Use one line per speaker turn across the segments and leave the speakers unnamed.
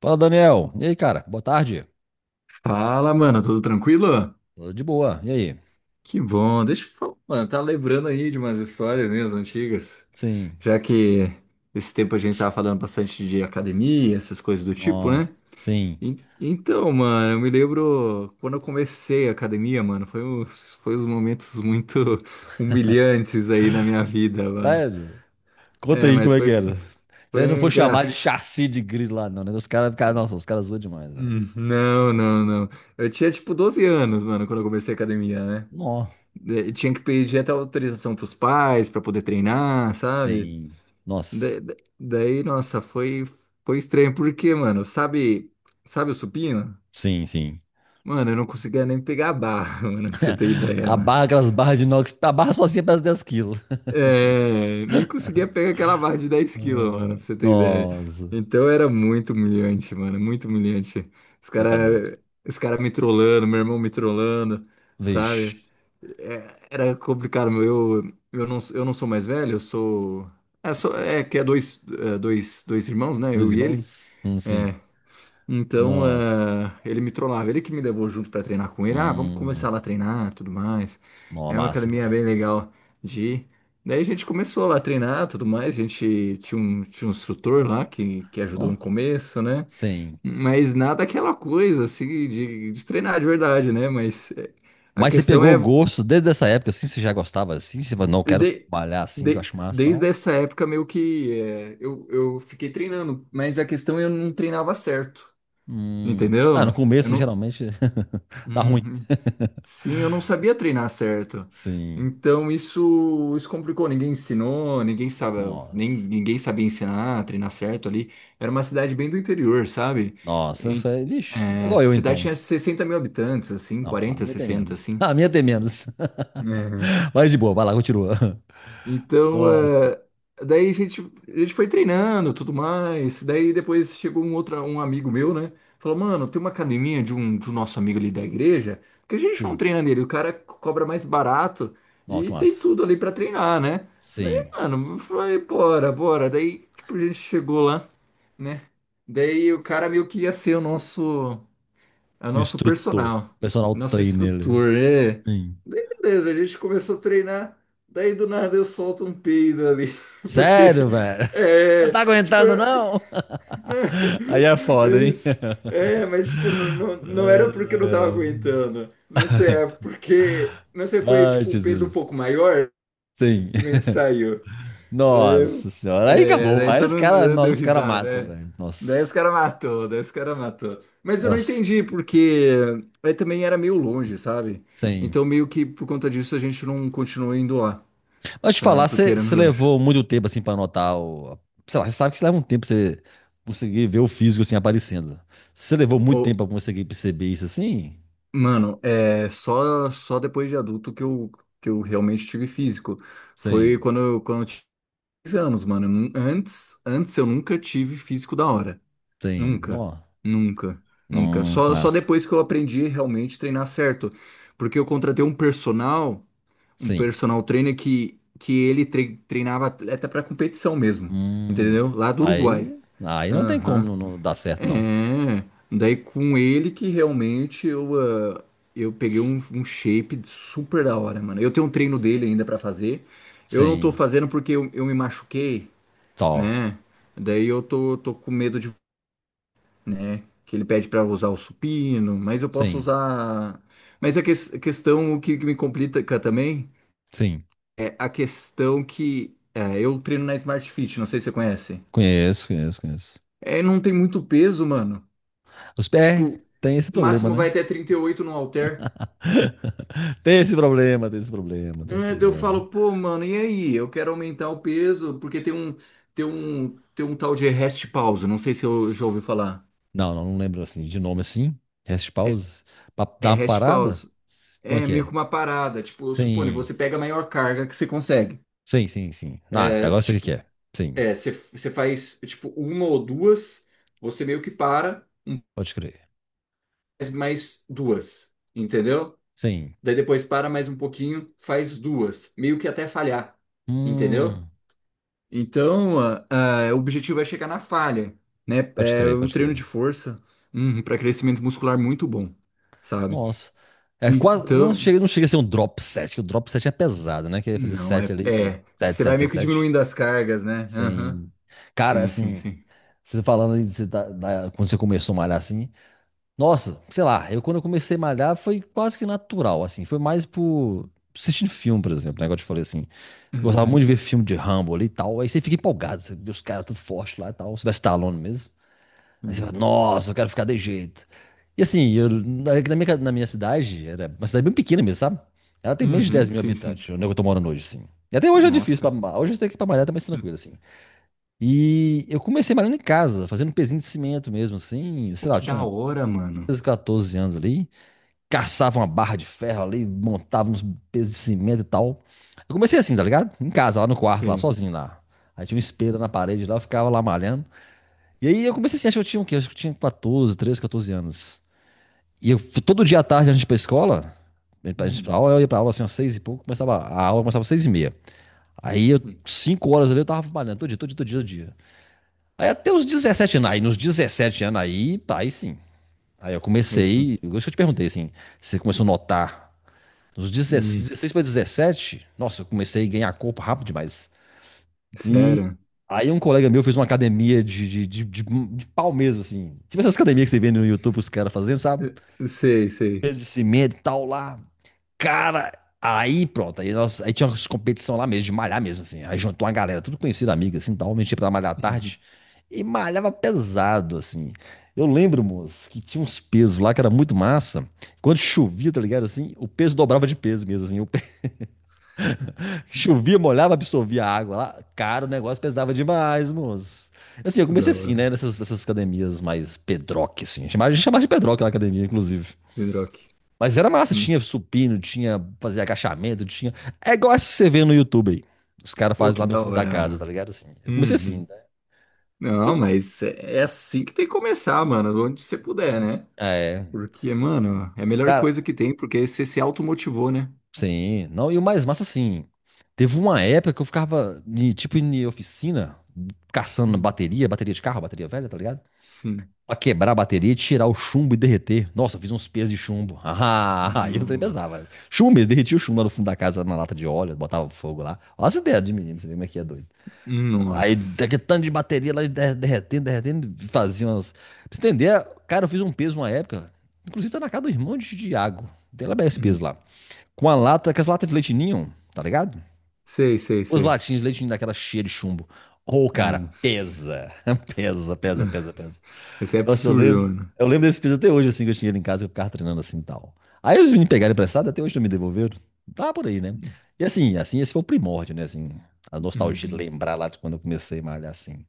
Fala, Daniel. E aí, cara? Boa tarde.
Fala, mano, tudo tranquilo?
Tudo de boa. E aí?
Que bom, deixa eu falar, mano, tá lembrando aí de umas histórias minhas antigas,
Sim.
já que esse tempo a gente tava falando bastante de academia, essas coisas do tipo,
Ó,
né?
sim.
Então, mano, eu me lembro quando eu comecei a academia, mano, foi uns momentos muito humilhantes aí na minha vida, mano.
Sério? Conta
É,
aí como
mas
é que era.
foi
Você não foi chamar de
engraçado.
chassi de grilo lá, não, né? Os caras ficaram, nossa, os caras zoam demais, velho.
Hum. Não, não, não. Eu tinha tipo 12 anos, mano, quando eu comecei a academia, né?
Nó.
Tinha que pedir até autorização pros pais para poder treinar, sabe?
Sim.
Da-
Nossa.
da- Daí, nossa, foi estranho. Porque, mano, sabe o supino?
Sim, sim.
Mano, eu não conseguia nem pegar a barra, mano, pra você ter
A
ideia.
barra, aquelas barras de inox, a barra sozinha pesa 10 quilos.
É, nem conseguia pegar aquela barra de 10 quilos, mano,
Ah,
pra você ter ideia.
nossa.
Então era muito humilhante, mano, muito humilhante. Os
Você tá doido.
cara, os cara me trollando, meu irmão me trollando,
Vixe.
sabe? É, era complicado, meu. Eu, eu não sou mais velho, eu sou. É, sou, é que é dois, é, dois irmãos, né?
Dois
Eu e ele.
irmãos? Sim.
É, então,
Nossa.
ele me trollava, ele que me levou junto pra treinar com ele. Ah, vamos começar
Hum.
lá a treinar, tudo mais.
Nó,
É uma
massa,
academia
cara.
bem legal de ir. Daí a gente começou lá a treinar, tudo mais. A gente tinha um instrutor lá que ajudou no
Nó.
começo, né?
Sim.
Mas nada aquela coisa assim de treinar de verdade, né? Mas a
Mas você
questão
pegou o
é
gosto desde essa época, assim, você já gostava assim? Você falou, não, eu
de-
quero
de-
trabalhar assim, que eu acho massa e
desde
tal.
essa época meio que eu fiquei treinando, mas a questão é eu não treinava certo,
Hum. Ah, no
entendeu? Eu
começo,
não.
geralmente, dá ruim.
Uhum. Sim, eu não sabia treinar certo.
Sim.
Então isso complicou. Ninguém ensinou, ninguém sabe, nem,
Nossa.
ninguém sabia ensinar, treinar certo ali. Era uma cidade bem do interior, sabe?
Nossa, eu
E,
falei, ixi, tá
é,
igual eu
cidade
então.
tinha 60 mil habitantes, assim,
Não, a
40
minha tem
60
menos.
assim.
A minha tem menos. Mas de boa, vai lá, continua.
Então,
Nossa.
daí a gente foi treinando, tudo mais. Daí depois chegou um outro, um amigo meu, né? Falou, mano, tem uma academia de um nosso amigo ali da igreja, porque a gente não
Sim.
treina nele, o cara cobra mais barato
Ó, que
e tem
massa.
tudo ali pra treinar, né? Daí,
Sim.
mano, bora, bora. Daí, tipo, a gente chegou lá, né? Daí o cara meio que ia ser o nosso. É o
O
nosso
instrutor,
personal,
personal
nosso
trainer.
instrutor, é.
Sim.
Daí, beleza, a gente começou a treinar, daí do nada eu solto um peido ali, porque,
Sério, velho? Não
é,
tá
tipo,
aguentando, não?
não,
Aí é
é
foda, hein?
isso, mas tipo, não, não, não era porque eu não tava aguentando, não sei, é porque, não sei, foi
Ai, ai,
tipo um peso um
Jesus.
pouco maior,
Sim.
simplesmente saiu. Aí-
Nossa senhora. Aí
É,
acabou.
daí
Aí
todo
os
mundo
caras, nós,
deu
os caras
risada,
matam,
é.
velho.
Daí
Nossa.
os caras matou, daí os caras matou. Mas eu não
Nossa.
entendi, porque aí também era meio longe, sabe?
Sim.
Então meio que por conta disso a gente não continuou indo lá,
Mas te
sabe?
falar,
Porque
você
era
você
meio longe.
levou muito tempo assim pra anotar o. Sei lá, você sabe que leva um tempo pra você conseguir ver o físico assim aparecendo. Você levou muito
Ô,
tempo pra conseguir perceber isso assim?
mano, é só depois de adulto que eu realmente tive físico. Foi
Sim.
quando, quando eu tinha 10 anos, mano. Antes eu nunca tive físico da hora.
Sim.
Nunca,
Não.
nunca, nunca.
Não.
Só
Massa.
depois que eu aprendi realmente a treinar certo. Porque eu contratei um
Sim.
personal trainer que ele treinava atleta pra competição mesmo,
Hum,
entendeu? Lá do Uruguai.
aí, aí não tem como
Aham.
não dar certo, não.
É. Daí com ele que realmente ah, eu peguei um shape super da hora, mano. Eu tenho um treino dele ainda pra fazer. Eu não tô
Sim,
fazendo porque eu me machuquei,
só.
né? Daí eu tô com medo de, né? Que ele pede para usar o supino, mas eu posso
Sim,
usar. Mas a questão que me complica também
sim.
é a questão que é, eu treino na Smart Fit, não sei se você conhece.
Conheço, conheço, conheço.
É, não tem muito peso, mano.
Os pés
Tipo,
tem esse
o
problema,
máximo vai
né?
até 38 no halter.
Tem esse problema, tem esse problema, tem esse
Daí eu
problema.
falo, pô, mano, e aí? Eu quero aumentar o peso, porque tem um tal de rest pause, não sei se eu já ouvi
S-
falar.
Não, não, não lembro assim, de nome assim. Rest
É,
pause. Pra
é
dar uma
rest
parada?
pause.
Como é
É
que
meio que
é?
uma parada, tipo, suponho,
Sim,
você pega a maior carga que você consegue.
sim, sim, sim. Ah, até
É,
agora eu sei o que que
tipo,
é. Sim,
é, você faz tipo uma ou duas, você meio que para,
pode crer.
faz mais duas, entendeu?
Sim.
Daí depois para mais um pouquinho, faz duas, meio que até falhar, entendeu?
Hum,
Então, o objetivo é chegar na falha, né?
pode
É
crer,
o
pode
treino de
crer.
força, para crescimento muscular muito bom, sabe?
Nossa. É quase. Não
Então,
chega, não chega a ser um drop set, que o drop set é pesado, né? Que é fazer
não,
sete ali, 7
você vai
7
meio
7
que
7.
diminuindo as cargas, né? Aham.
Sem. Cara,
Sim, sim,
assim.
sim.
Você tá falando aí, quando você começou a malhar assim. Nossa, sei lá, eu quando eu comecei a malhar foi quase que natural, assim. Foi mais por. Assistindo filme, por exemplo, né? Igual eu te falei assim. Eu gostava muito
Uhum.
de ver filme de Rambo ali e tal. Aí você fica empolgado, você vê os caras tudo forte lá e tal. Você vai Stallone mesmo. Aí você
Uhum.
fala, nossa, eu quero ficar de jeito. E assim, na minha cidade, era uma cidade bem pequena mesmo, sabe? Ela tem menos de 10
Uhum,
mil
sim, sim.
habitantes, onde é que eu tô morando hoje, assim. E até hoje é difícil pra
Nossa,
malhar. Hoje até que pra malhar tá mais
hum,
tranquilo, assim. E eu comecei malhando em casa, fazendo um pezinho de cimento mesmo, assim.
pô,
Sei lá, eu
que da
tinha
hora, mano.
13 14 anos ali. Caçava uma barra de ferro ali, montava uns pesos de cimento e tal. Eu comecei assim, tá ligado? Em casa, lá no quarto, lá,
Sim.
sozinho lá. Aí tinha um espelho na parede lá, eu ficava lá malhando. E aí eu comecei assim, acho que eu tinha o quê? Acho que eu tinha 14 13, 14 anos. E eu, todo dia à tarde, a gente ia pra escola, a gente pra
Hum,
aula, eu ia pra aula assim, às seis e pouco, a aula começava às 6h30. Aí eu,
sim.
5 horas ali, eu tava trabalhando todo dia, todo dia, todo dia, todo dia. Aí até os 17 anos, aí nos 17 anos aí, aí sim. Aí eu
Aí sim.
comecei, eu acho que eu te perguntei assim, você começou a notar, nos
Hum,
16 para 17, nossa, eu comecei a ganhar corpo rápido demais. E
sério?
aí um colega meu fez uma academia de pau mesmo, assim. Tipo essas academias que você vê no YouTube os caras fazendo, sabe?
Sei, sei.
Peso de cimento e tal lá. Cara, aí pronto. Aí tinha umas competição lá mesmo, de malhar mesmo, assim. Aí juntou uma galera, tudo conhecido, amiga, assim, tal. A pra malhar à
Uhum.
tarde e malhava pesado, assim. Eu lembro, moço, que tinha uns pesos lá que era muito massa. Quando chovia, tá ligado? Assim, o peso dobrava de peso mesmo, assim. Chovia, molhava, absorvia a água lá. Cara, o negócio pesava demais, moço. Assim, eu
Que da
comecei assim,
hora.
né? Nessas academias mais pedroque, assim. A gente chamava de pedroque lá a academia, inclusive.
Pedroque.
Mas era massa,
Hum.
tinha supino, tinha fazer agachamento, tinha. É igual essa que você vê no YouTube aí. Os caras
Pô,
fazem
que
lá no
da
fundo da
hora,
casa, tá
mano.
ligado? Assim, eu comecei assim,
Uhum.
né? Foi
Não,
bom.
mas é assim que tem que começar, mano, onde você puder, né?
É,
Porque, mano, é a melhor
cara,
coisa que tem, porque você se automotivou, né?
sim. Não, e o mais massa, assim, teve uma época que eu ficava, tipo, em oficina, caçando
Hum,
bateria, bateria de carro, bateria velha, tá ligado?
sim.
Pra quebrar a bateria, tirar o chumbo e derreter. Nossa, eu fiz uns pesos de chumbo. Ah, eu sempre pesava, né?
Nossa.
Chumbo, eles derretiam o chumbo lá no fundo da casa, na lata de óleo, botava fogo lá. Olha as ideias de menino, você vê como é que é doido. Aí,
Nossa.
daquele tanto de bateria lá, derretendo, derretendo, fazia umas... Pra você entender, cara, eu fiz um peso uma época, inclusive tá na casa do irmão de Diago. Tem lá bem esse peso
Hum.
lá. Com as latas de leite ninho, tá ligado?
Sei, sei,
Os
sei.
latinhos de leite ninho daquela cheia de chumbo. Ô, cara,
Nossa.
pesa. Pesa, pesa, pesa, pesa.
Isso é
Nossa, eu
absurdo,
lembro.
mano.
Eu lembro desse piso até hoje, assim, que eu tinha ele em casa, que eu ficava treinando assim e tal. Aí os meninos pegaram emprestado, até hoje não me devolveram. Tá por aí, né? E assim, assim, esse foi o primórdio, né? Assim, a nostalgia de
Uhum.
lembrar lá de quando eu comecei a malhar, assim.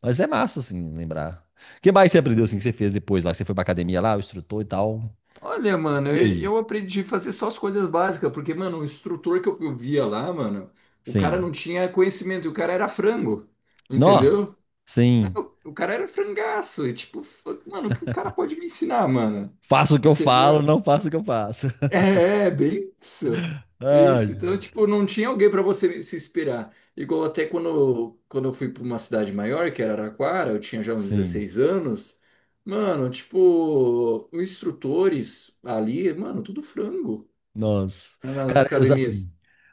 Mas é massa, assim, lembrar. O que mais você aprendeu, assim, que você fez depois lá? Você foi pra academia lá, o instrutor e tal.
Olha, mano,
E aí?
eu aprendi a fazer só as coisas básicas, porque, mano, o instrutor que eu via lá, mano, o cara
Sim.
não tinha conhecimento, e o cara era frango,
Nó?
entendeu?
Sim.
O cara era frangaço, e tipo, mano, o que o cara pode me ensinar, mano?
Faço o que eu falo,
Entendeu?
não faço o que eu faço.
Bem isso. Bem isso.
Ai,
Então, tipo, não tinha alguém para você se inspirar. Igual até quando eu fui para uma cidade maior, que era Araraquara, eu tinha já uns
sim.
16 anos. Mano, tipo, os instrutores ali, mano, tudo frango
Nossa.
né, nas
Cara, eu sou assim.
academias.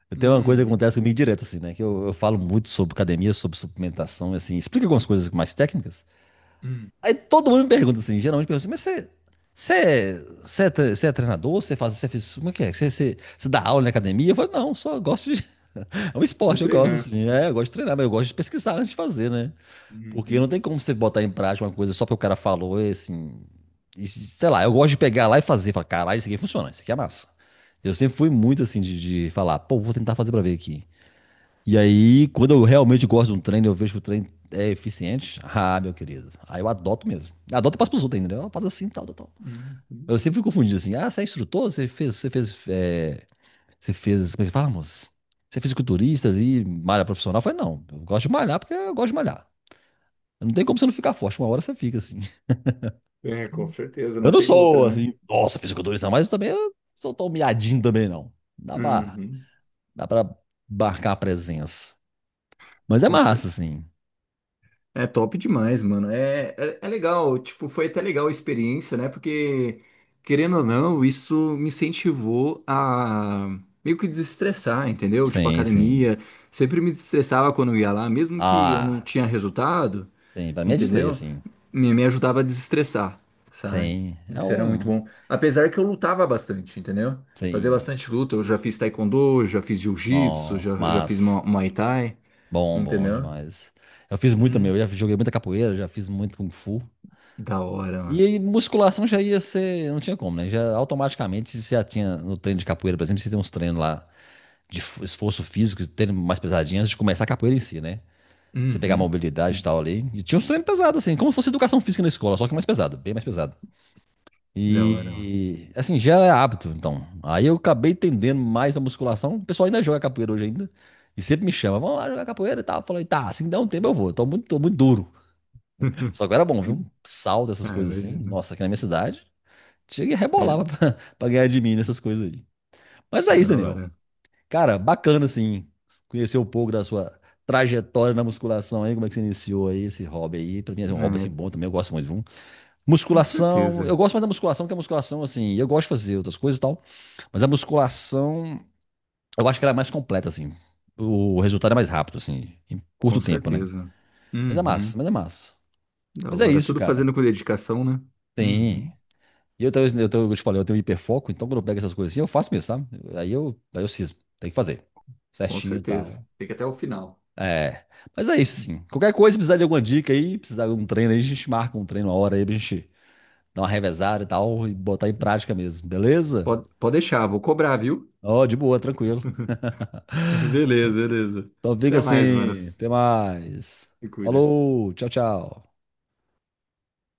Eu tenho uma coisa que
Uhum,
acontece comigo direto, assim, né? Que eu falo muito sobre academia, sobre suplementação, assim, explico algumas coisas mais técnicas.
uhum.
Aí todo mundo me pergunta assim, geralmente pergunta assim, mas você. Você é, você é treinador? Você faz, você fez, como é que é? Você dá aula na academia? Eu falo, não, só gosto de. É um
De
esporte, eu gosto,
treinar.
assim. É, eu gosto de treinar, mas eu gosto de pesquisar antes de fazer, né? Porque não
Uhum,
tem como você botar em prática uma coisa só porque o cara falou, e assim. E sei lá, eu gosto de pegar lá e fazer. Falar, caralho, isso aqui funciona, isso aqui é massa. Eu sempre fui muito assim de falar, pô, vou tentar fazer pra ver aqui. E aí, quando eu realmente gosto de um treino, eu vejo que o treino é eficiente. Ah, meu querido. Aí eu adoto mesmo. Adoto e passo pros outros ainda, né? Eu faço assim, tal, tal, tal.
uhum.
Eu sempre fui confundido assim. Ah, você é instrutor? Você fez, como é que fala, moço? Você é fisiculturista e malha profissional? Eu falei, não, eu gosto de malhar porque eu gosto de malhar. Não tem como você não ficar forte. Uma hora você fica, assim.
É, com certeza,
Eu
não
não
tem
sou,
outra, né?
assim, nossa, fisiculturista, mas eu também eu não sou tão miadinho também, não. Dá pra,
Uhum.
dá pra marcar a presença. Mas é
Com cer-
massa, assim.
É top demais, mano. É legal, tipo, foi até legal a experiência, né? Porque, querendo ou não, isso me incentivou a meio que desestressar, entendeu? Tipo,
Sim, sim.
academia, sempre me desestressava quando eu ia lá, mesmo que eu não
Ah,
tinha resultado,
sim. Pra mim é de lei,
entendeu?
assim.
Me ajudava a desestressar, sabe?
Sim. É
Isso era muito
um...
bom. Apesar que eu lutava bastante, entendeu? Fazia
Sim.
bastante luta. Eu já fiz taekwondo, já fiz jiu-jitsu,
Não,
já fiz
mas...
muay thai,
Bom, bom
entendeu?
demais. Eu fiz muito também.
Hum,
Eu já joguei muita capoeira, já fiz muito kung fu.
da hora,
E
mano.
aí, musculação já ia ser... Não tinha como, né? Já automaticamente, se já tinha no treino de capoeira, por exemplo, você tem uns treinos lá de esforço físico, de mais pesadinho antes de começar a capoeira em si, né? Pra você pegar a
Uhum,
mobilidade e
sim,
tal ali. E tinha uns treinos pesados, assim, como se fosse educação física na escola, só que mais pesado, bem mais pesado.
da hora, ó.
E assim, já é hábito, então. Aí eu acabei entendendo mais pra musculação. O pessoal ainda joga capoeira hoje ainda. E sempre me chama, vamos lá jogar capoeira e tal. Eu falei, tá, assim dá um tempo eu vou. Eu tô muito duro. Só que era bom, viu? Um salto, essas
Ah, eu
coisas assim.
imagino.
Nossa, aqui na minha cidade. Cheguei a
É,
rebolar pra, pra ganhar de mim nessas coisas aí. Mas
é
é isso,
da
Daniel.
hora.
Cara, bacana assim, conhecer um pouco da sua trajetória na musculação aí, como é que você iniciou aí esse hobby aí. Pra mim assim, é um hobby assim
É,
bom também, eu gosto muito, viu?
com
Musculação, eu
certeza,
gosto mais da musculação que a musculação assim, eu gosto de fazer outras coisas e tal, mas a musculação, eu acho que ela é mais completa assim. O resultado é mais rápido assim, em
com
curto tempo, né?
certeza.
Mas é massa,
Uhum,
mas é massa.
da
Mas é
hora.
isso,
Tudo
cara.
fazendo com dedicação, né?
Tem.
Uhum,
E eu te falei, eu tenho hiperfoco, então quando eu pego essas coisas assim, eu faço mesmo, sabe? Aí eu cismo, tem que fazer.
com
Certinho e
certeza.
tal.
Fica até o final.
É, mas é isso, assim. Qualquer coisa, se precisar de alguma dica aí, precisar de um treino aí, a gente marca um treino uma hora aí pra gente dar uma revezada e tal e botar em prática mesmo, beleza?
Pode, pode deixar, vou cobrar, viu?
Ó, de boa, tranquilo.
Beleza, beleza.
Então fica
Até mais, mano.
assim,
Se
até mais.
se cuida.
Falou, tchau, tchau.